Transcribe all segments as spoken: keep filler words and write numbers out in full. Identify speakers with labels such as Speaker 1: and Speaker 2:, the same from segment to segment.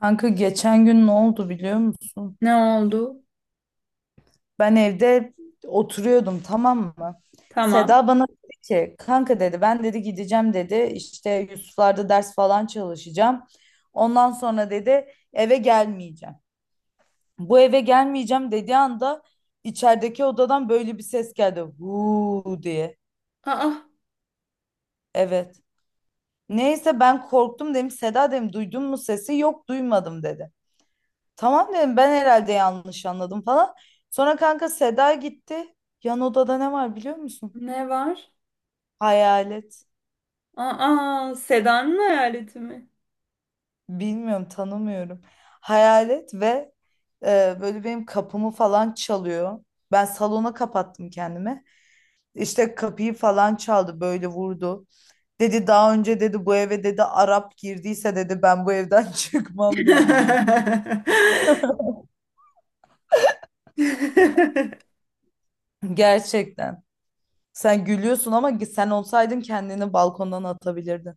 Speaker 1: Kanka geçen gün ne oldu biliyor musun?
Speaker 2: Ne oldu?
Speaker 1: Ben evde oturuyordum, tamam mı?
Speaker 2: Tamam.
Speaker 1: Seda bana dedi ki kanka dedi ben dedi gideceğim dedi işte Yusuflar'da ders falan çalışacağım. Ondan sonra dedi eve gelmeyeceğim. Bu eve gelmeyeceğim dediği anda içerideki odadan böyle bir ses geldi. Huu diye.
Speaker 2: Aa,
Speaker 1: Evet. Neyse ben korktum, dedim. Seda, dedim, duydun mu sesi? Yok duymadım dedi. Tamam dedim, ben herhalde yanlış anladım falan. Sonra kanka Seda gitti. Yan odada ne var biliyor musun?
Speaker 2: ne var?
Speaker 1: Hayalet.
Speaker 2: Aa, Seda'nın hayaleti mi?
Speaker 1: Bilmiyorum, tanımıyorum. Hayalet ve e, böyle benim kapımı falan çalıyor. Ben salona kapattım kendimi. İşte kapıyı falan çaldı, böyle vurdu. Dedi daha önce dedi bu eve dedi Arap girdiyse dedi ben bu evden çıkmam dedi bana. Gerçekten. Sen gülüyorsun ama sen olsaydın kendini balkondan atabilirdin.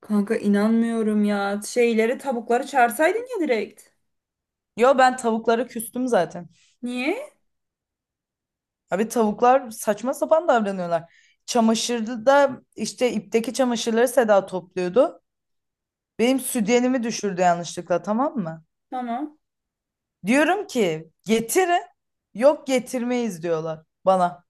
Speaker 2: Kanka inanmıyorum ya. Şeyleri, tavukları çağırsaydın ya direkt.
Speaker 1: Yo, ben tavuklara küstüm zaten.
Speaker 2: Niye?
Speaker 1: Abi tavuklar saçma sapan davranıyorlar. Çamaşırda işte ipteki çamaşırları Seda topluyordu. Benim sütyenimi düşürdü yanlışlıkla, tamam mı?
Speaker 2: Tamam.
Speaker 1: Diyorum ki getirin. Yok, getirmeyiz diyorlar bana.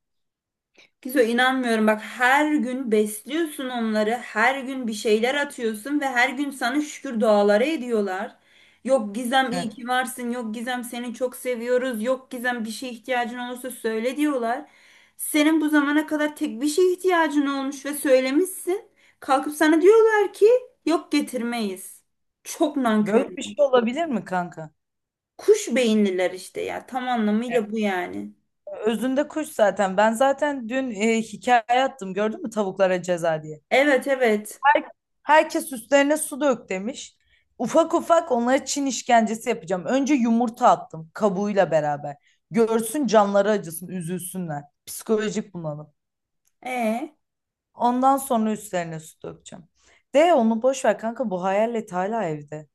Speaker 2: Gizo inanmıyorum bak, her gün besliyorsun onları, her gün bir şeyler atıyorsun ve her gün sana şükür duaları ediyorlar. Yok Gizem iyi
Speaker 1: Evet.
Speaker 2: ki varsın, yok Gizem seni çok seviyoruz, yok Gizem bir şeye ihtiyacın olursa söyle diyorlar. Senin bu zamana kadar tek bir şeye ihtiyacın olmuş ve söylemişsin. Kalkıp sana diyorlar ki yok getirmeyiz. Çok
Speaker 1: Böyle bir
Speaker 2: nankörler.
Speaker 1: şey olabilir mi kanka?
Speaker 2: Kuş beyinliler işte ya, tam
Speaker 1: Evet.
Speaker 2: anlamıyla bu yani.
Speaker 1: Özünde kuş zaten. Ben zaten dün e, hikaye attım, gördün mü, tavuklara ceza diye.
Speaker 2: Evet, evet.
Speaker 1: Her- Herkes üstlerine su dök demiş. Ufak ufak onlara Çin işkencesi yapacağım. Önce yumurta attım kabuğuyla beraber. Görsün, canları acısın, üzülsünler. Psikolojik bunalım.
Speaker 2: E.
Speaker 1: Ondan sonra üstlerine su dökeceğim. De onu boş ver kanka, bu hayalet hala evde.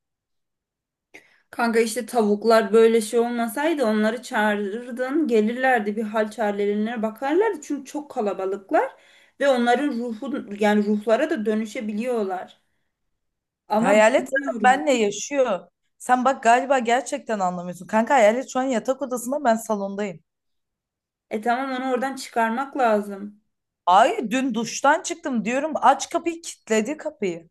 Speaker 2: Kanka işte tavuklar böyle şey olmasaydı onları çağırırdın, gelirlerdi, bir hal çarelerine bakarlardı, çünkü çok kalabalıklar ve onların ruhu, yani ruhlara da dönüşebiliyorlar. Ama
Speaker 1: Hayalet zaten
Speaker 2: bilmiyorum.
Speaker 1: benle yaşıyor. Sen bak, galiba gerçekten anlamıyorsun. Kanka hayalet şu an yatak odasında, ben salondayım.
Speaker 2: E tamam, onu oradan çıkarmak lazım.
Speaker 1: Ay dün duştan çıktım diyorum, aç kapıyı, kilitledi kapıyı.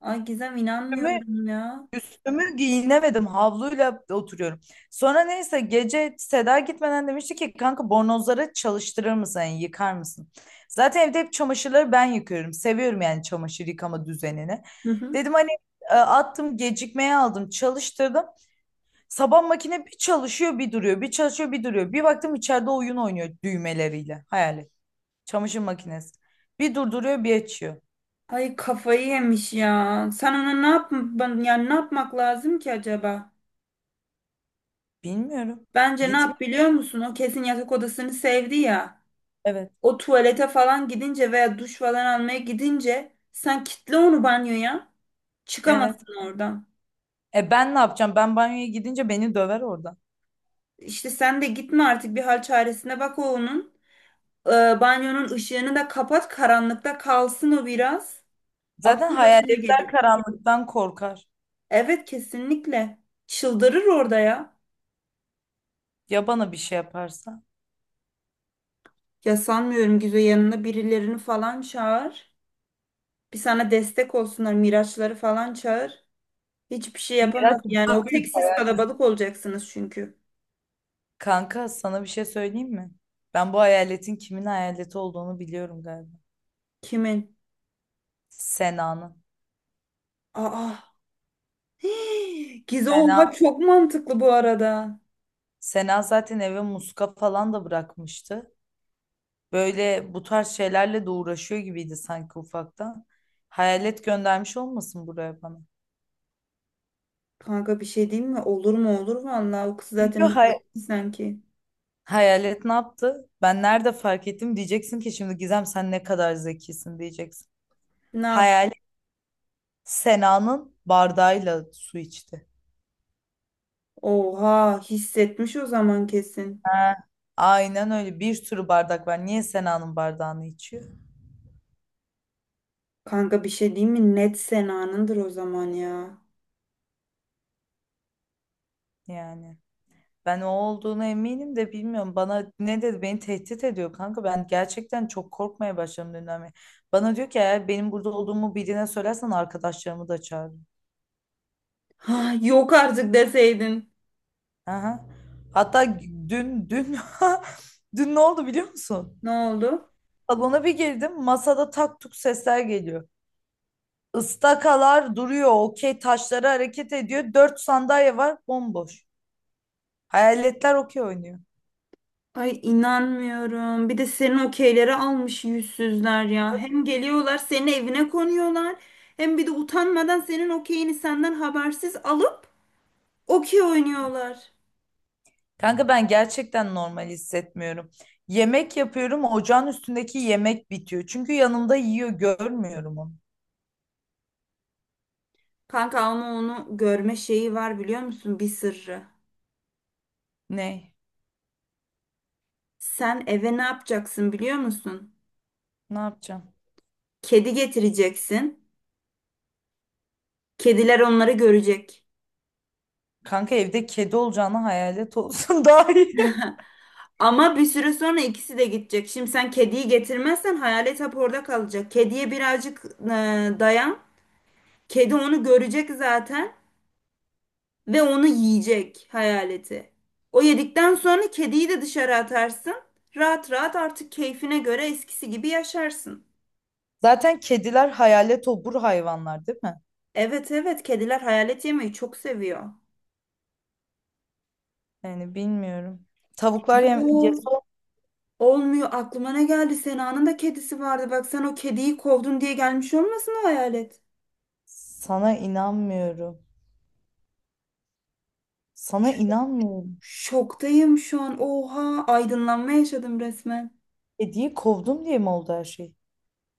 Speaker 2: Ay Gizem, inanmıyorum ya.
Speaker 1: Üstümü giyinemedim. Havluyla oturuyorum. Sonra neyse gece Seda gitmeden demişti ki kanka bornozları çalıştırır mısın? Yani yıkar mısın? Zaten evde hep çamaşırları ben yıkıyorum. Seviyorum yani çamaşır yıkama düzenini.
Speaker 2: Hı hı.
Speaker 1: Dedim hani e, attım gecikmeye, aldım çalıştırdım. Sabah makine bir çalışıyor bir duruyor. Bir çalışıyor bir duruyor. Bir baktım içeride oyun oynuyor düğmeleriyle. Hayal et. Çamaşır makinesi. Bir durduruyor bir açıyor.
Speaker 2: Ay kafayı yemiş ya. Sen ona ne yap ben- yani ne yapmak lazım ki acaba?
Speaker 1: Bilmiyorum.
Speaker 2: Bence ne yap
Speaker 1: Gitmiyor.
Speaker 2: biliyor musun? O kesin yatak odasını sevdi ya.
Speaker 1: Evet.
Speaker 2: O tuvalete falan gidince veya duş falan almaya gidince sen kitle onu banyoya.
Speaker 1: Evet.
Speaker 2: Çıkamazsın oradan.
Speaker 1: E ben ne yapacağım? Ben banyoya gidince beni döver orada.
Speaker 2: İşte sen de gitme artık, bir hal çaresine bak o onun. Ee, Banyonun ışığını da kapat, karanlıkta kalsın o biraz.
Speaker 1: Zaten
Speaker 2: Aklı başına
Speaker 1: hayaletler
Speaker 2: gelir.
Speaker 1: karanlıktan korkar.
Speaker 2: Evet, kesinlikle. Çıldırır orada ya.
Speaker 1: Ya bana bir şey yaparsa?
Speaker 2: Ya sanmıyorum Gizo, yanına birilerini falan çağır. Bir sana destek olsunlar, Miraçları falan çağır. Hiçbir şey
Speaker 1: Miraç
Speaker 2: yapamaz yani
Speaker 1: daha
Speaker 2: o
Speaker 1: büyük
Speaker 2: tek, siz
Speaker 1: hayal.
Speaker 2: kalabalık olacaksınız çünkü.
Speaker 1: Kanka sana bir şey söyleyeyim mi? Ben bu hayaletin kimin hayaleti olduğunu biliyorum galiba.
Speaker 2: Kimin?
Speaker 1: Sena'nın.
Speaker 2: Aa. Gize
Speaker 1: Sena,
Speaker 2: oha, çok mantıklı bu arada.
Speaker 1: Sena zaten eve muska falan da bırakmıştı. Böyle bu tarz şeylerle de uğraşıyor gibiydi sanki ufaktan. Hayalet göndermiş olmasın buraya bana.
Speaker 2: Kanka bir şey diyeyim mi? Olur mu, olur vallahi, o kız
Speaker 1: Çünkü
Speaker 2: zaten bir bitti sanki.
Speaker 1: hayalet ne yaptı? Ben nerede fark ettim diyeceksin ki, şimdi Gizem sen ne kadar zekisin diyeceksin.
Speaker 2: Ne yap?
Speaker 1: Hayalet Sena'nın bardağıyla su içti.
Speaker 2: Oha, hissetmiş o zaman kesin.
Speaker 1: Ha, aynen öyle, bir sürü bardak var. Niye Sena'nın bardağını içiyor?
Speaker 2: Kanka bir şey diyeyim mi? Net Sena'nındır o zaman ya.
Speaker 1: Yani ben o olduğunu eminim de bilmiyorum. Bana ne dedi? Beni tehdit ediyor kanka. Ben gerçekten çok korkmaya başladım dünden beri. Bana diyor ki eğer benim burada olduğumu birine söylersen arkadaşlarımı da çağırırım.
Speaker 2: Ha, yok artık deseydin.
Speaker 1: Aha. Hatta dün dün dün ne oldu biliyor musun?
Speaker 2: Ne oldu?
Speaker 1: Salona bir girdim. Masada tak tuk sesler geliyor. Istakalar duruyor. Okey taşları hareket ediyor. Dört sandalye var bomboş. Hayaletler okey oynuyor.
Speaker 2: Ay inanmıyorum. Bir de senin okeyleri almış yüzsüzler ya. Hem geliyorlar senin evine konuyorlar. Hem bir de utanmadan senin okeyini senden habersiz alıp okey oynuyorlar.
Speaker 1: Kanka ben gerçekten normal hissetmiyorum. Yemek yapıyorum. Ocağın üstündeki yemek bitiyor. Çünkü yanımda yiyor. Görmüyorum onu.
Speaker 2: Kanka ama onu görme şeyi var biliyor musun? Bir sırrı.
Speaker 1: Ne?
Speaker 2: Sen eve ne yapacaksın biliyor musun?
Speaker 1: Ne yapacağım?
Speaker 2: Kedi getireceksin. Kediler onları görecek.
Speaker 1: Kanka evde kedi olacağına hayalet olsun daha iyi.
Speaker 2: Ama bir süre sonra ikisi de gidecek. Şimdi sen kediyi getirmezsen hayalet hep orada kalacak. Kediye birazcık e, dayan. Kedi onu görecek zaten ve onu yiyecek hayaleti. O yedikten sonra kediyi de dışarı atarsın. Rahat rahat artık keyfine göre eskisi gibi yaşarsın.
Speaker 1: Zaten kediler hayalet obur hayvanlar değil mi?
Speaker 2: Evet, evet, kediler hayalet yemeyi çok seviyor.
Speaker 1: Yani bilmiyorum. Tavuklar yem
Speaker 2: Zul
Speaker 1: yese
Speaker 2: olmuyor, aklıma ne geldi, Sena'nın da kedisi vardı bak, sen o kediyi kovdun diye gelmiş olmasın o hayalet.
Speaker 1: sana inanmıyorum. Sana
Speaker 2: Ş-
Speaker 1: inanmıyorum.
Speaker 2: Şoktayım şu an, oha, aydınlanma yaşadım resmen.
Speaker 1: Kediyi kovdum diye mi oldu her şey?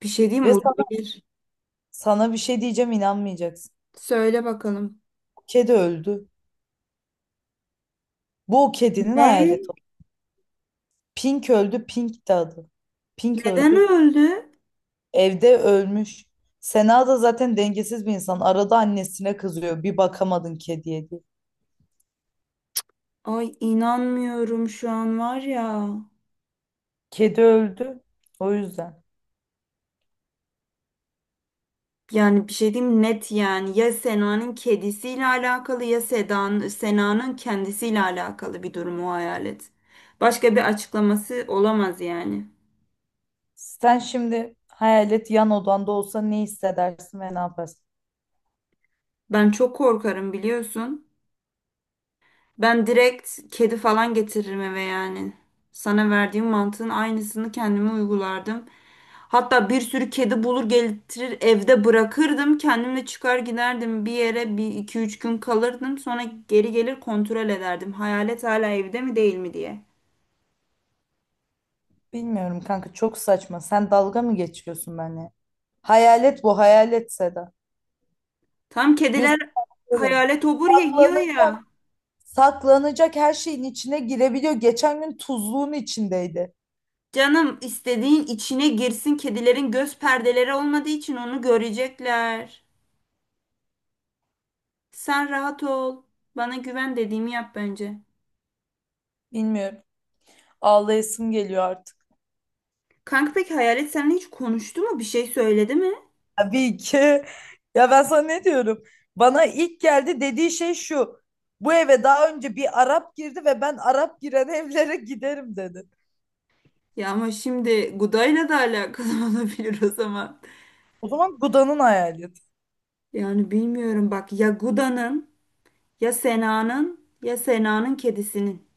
Speaker 2: Bir şey diyeyim mi?
Speaker 1: Ve sana,
Speaker 2: Olabilir.
Speaker 1: sana bir şey diyeceğim, inanmayacaksın.
Speaker 2: Söyle bakalım.
Speaker 1: Bu kedi öldü. Bu o kedinin
Speaker 2: Ne?
Speaker 1: hayaleti. Pink öldü. Pink de adı. Pink
Speaker 2: Neden
Speaker 1: öldü.
Speaker 2: öldü?
Speaker 1: Evde ölmüş. Sena da zaten dengesiz bir insan. Arada annesine kızıyor, bir bakamadın kediye diye.
Speaker 2: Ay inanmıyorum şu an var ya.
Speaker 1: Kedi öldü. O yüzden.
Speaker 2: Yani bir şey diyeyim, net yani, ya Sena'nın kedisiyle alakalı ya Sedan, Sena'nın kendisiyle alakalı bir durum o hayalet. Başka bir açıklaması olamaz yani.
Speaker 1: Sen şimdi hayalet yan odanda olsa ne hissedersin ve ne yaparsın?
Speaker 2: Ben çok korkarım biliyorsun. Ben direkt kedi falan getiririm eve yani. Sana verdiğim mantığın aynısını kendime uygulardım. Hatta bir sürü kedi bulur getirir evde bırakırdım. Kendimle çıkar giderdim bir yere, bir iki üç gün kalırdım. Sonra geri gelir kontrol ederdim. Hayalet hala evde mi değil mi diye.
Speaker 1: Bilmiyorum kanka, çok saçma. Sen dalga mı geçiyorsun benimle? Hayalet bu, hayalet Seda.
Speaker 2: Tam kediler
Speaker 1: Gözüm böyle.
Speaker 2: hayalet obur ya, yiyor
Speaker 1: Saklanı-
Speaker 2: ya.
Speaker 1: Saklanacak her şeyin içine girebiliyor. Geçen gün tuzluğun içindeydi.
Speaker 2: Canım, istediğin içine girsin, kedilerin göz perdeleri olmadığı için onu görecekler. Sen rahat ol. Bana güven, dediğimi yap bence.
Speaker 1: Bilmiyorum. Ağlayasım geliyor artık.
Speaker 2: Kanka peki hayalet seninle hiç konuştu mu? Bir şey söyledi mi?
Speaker 1: Tabii ki. Ya ben sana ne diyorum? Bana ilk geldi dediği şey şu. Bu eve daha önce bir Arap girdi ve ben Arap giren evlere giderim dedi.
Speaker 2: Ya ama şimdi Guda'yla da alakalı olabilir o zaman.
Speaker 1: O zaman Guda'nın hayaleti.
Speaker 2: Yani bilmiyorum bak, ya Guda'nın ya Sena'nın ya Sena'nın kedisinin.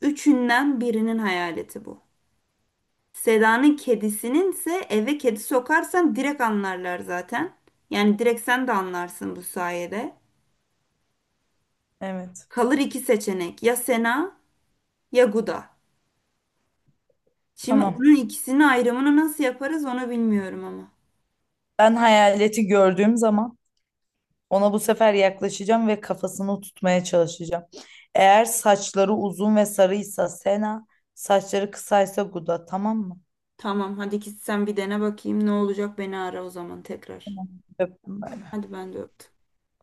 Speaker 2: Üçünden birinin hayaleti bu. Seda'nın kedisinin ise eve kedi sokarsan direkt anlarlar zaten. Yani direkt sen de anlarsın bu sayede.
Speaker 1: Evet.
Speaker 2: Kalır iki seçenek, ya Sena ya Guda. Şimdi
Speaker 1: Tamam.
Speaker 2: onun ikisini ayrımını nasıl yaparız onu bilmiyorum ama.
Speaker 1: Ben hayaleti gördüğüm zaman ona bu sefer yaklaşacağım ve kafasını tutmaya çalışacağım. Eğer saçları uzun ve sarıysa Sena, saçları kısaysa Guda, tamam mı?
Speaker 2: Tamam, hadi git sen bir dene bakayım ne olacak, beni ara o zaman tekrar.
Speaker 1: Öptüm.
Speaker 2: Hadi ben de öptüm.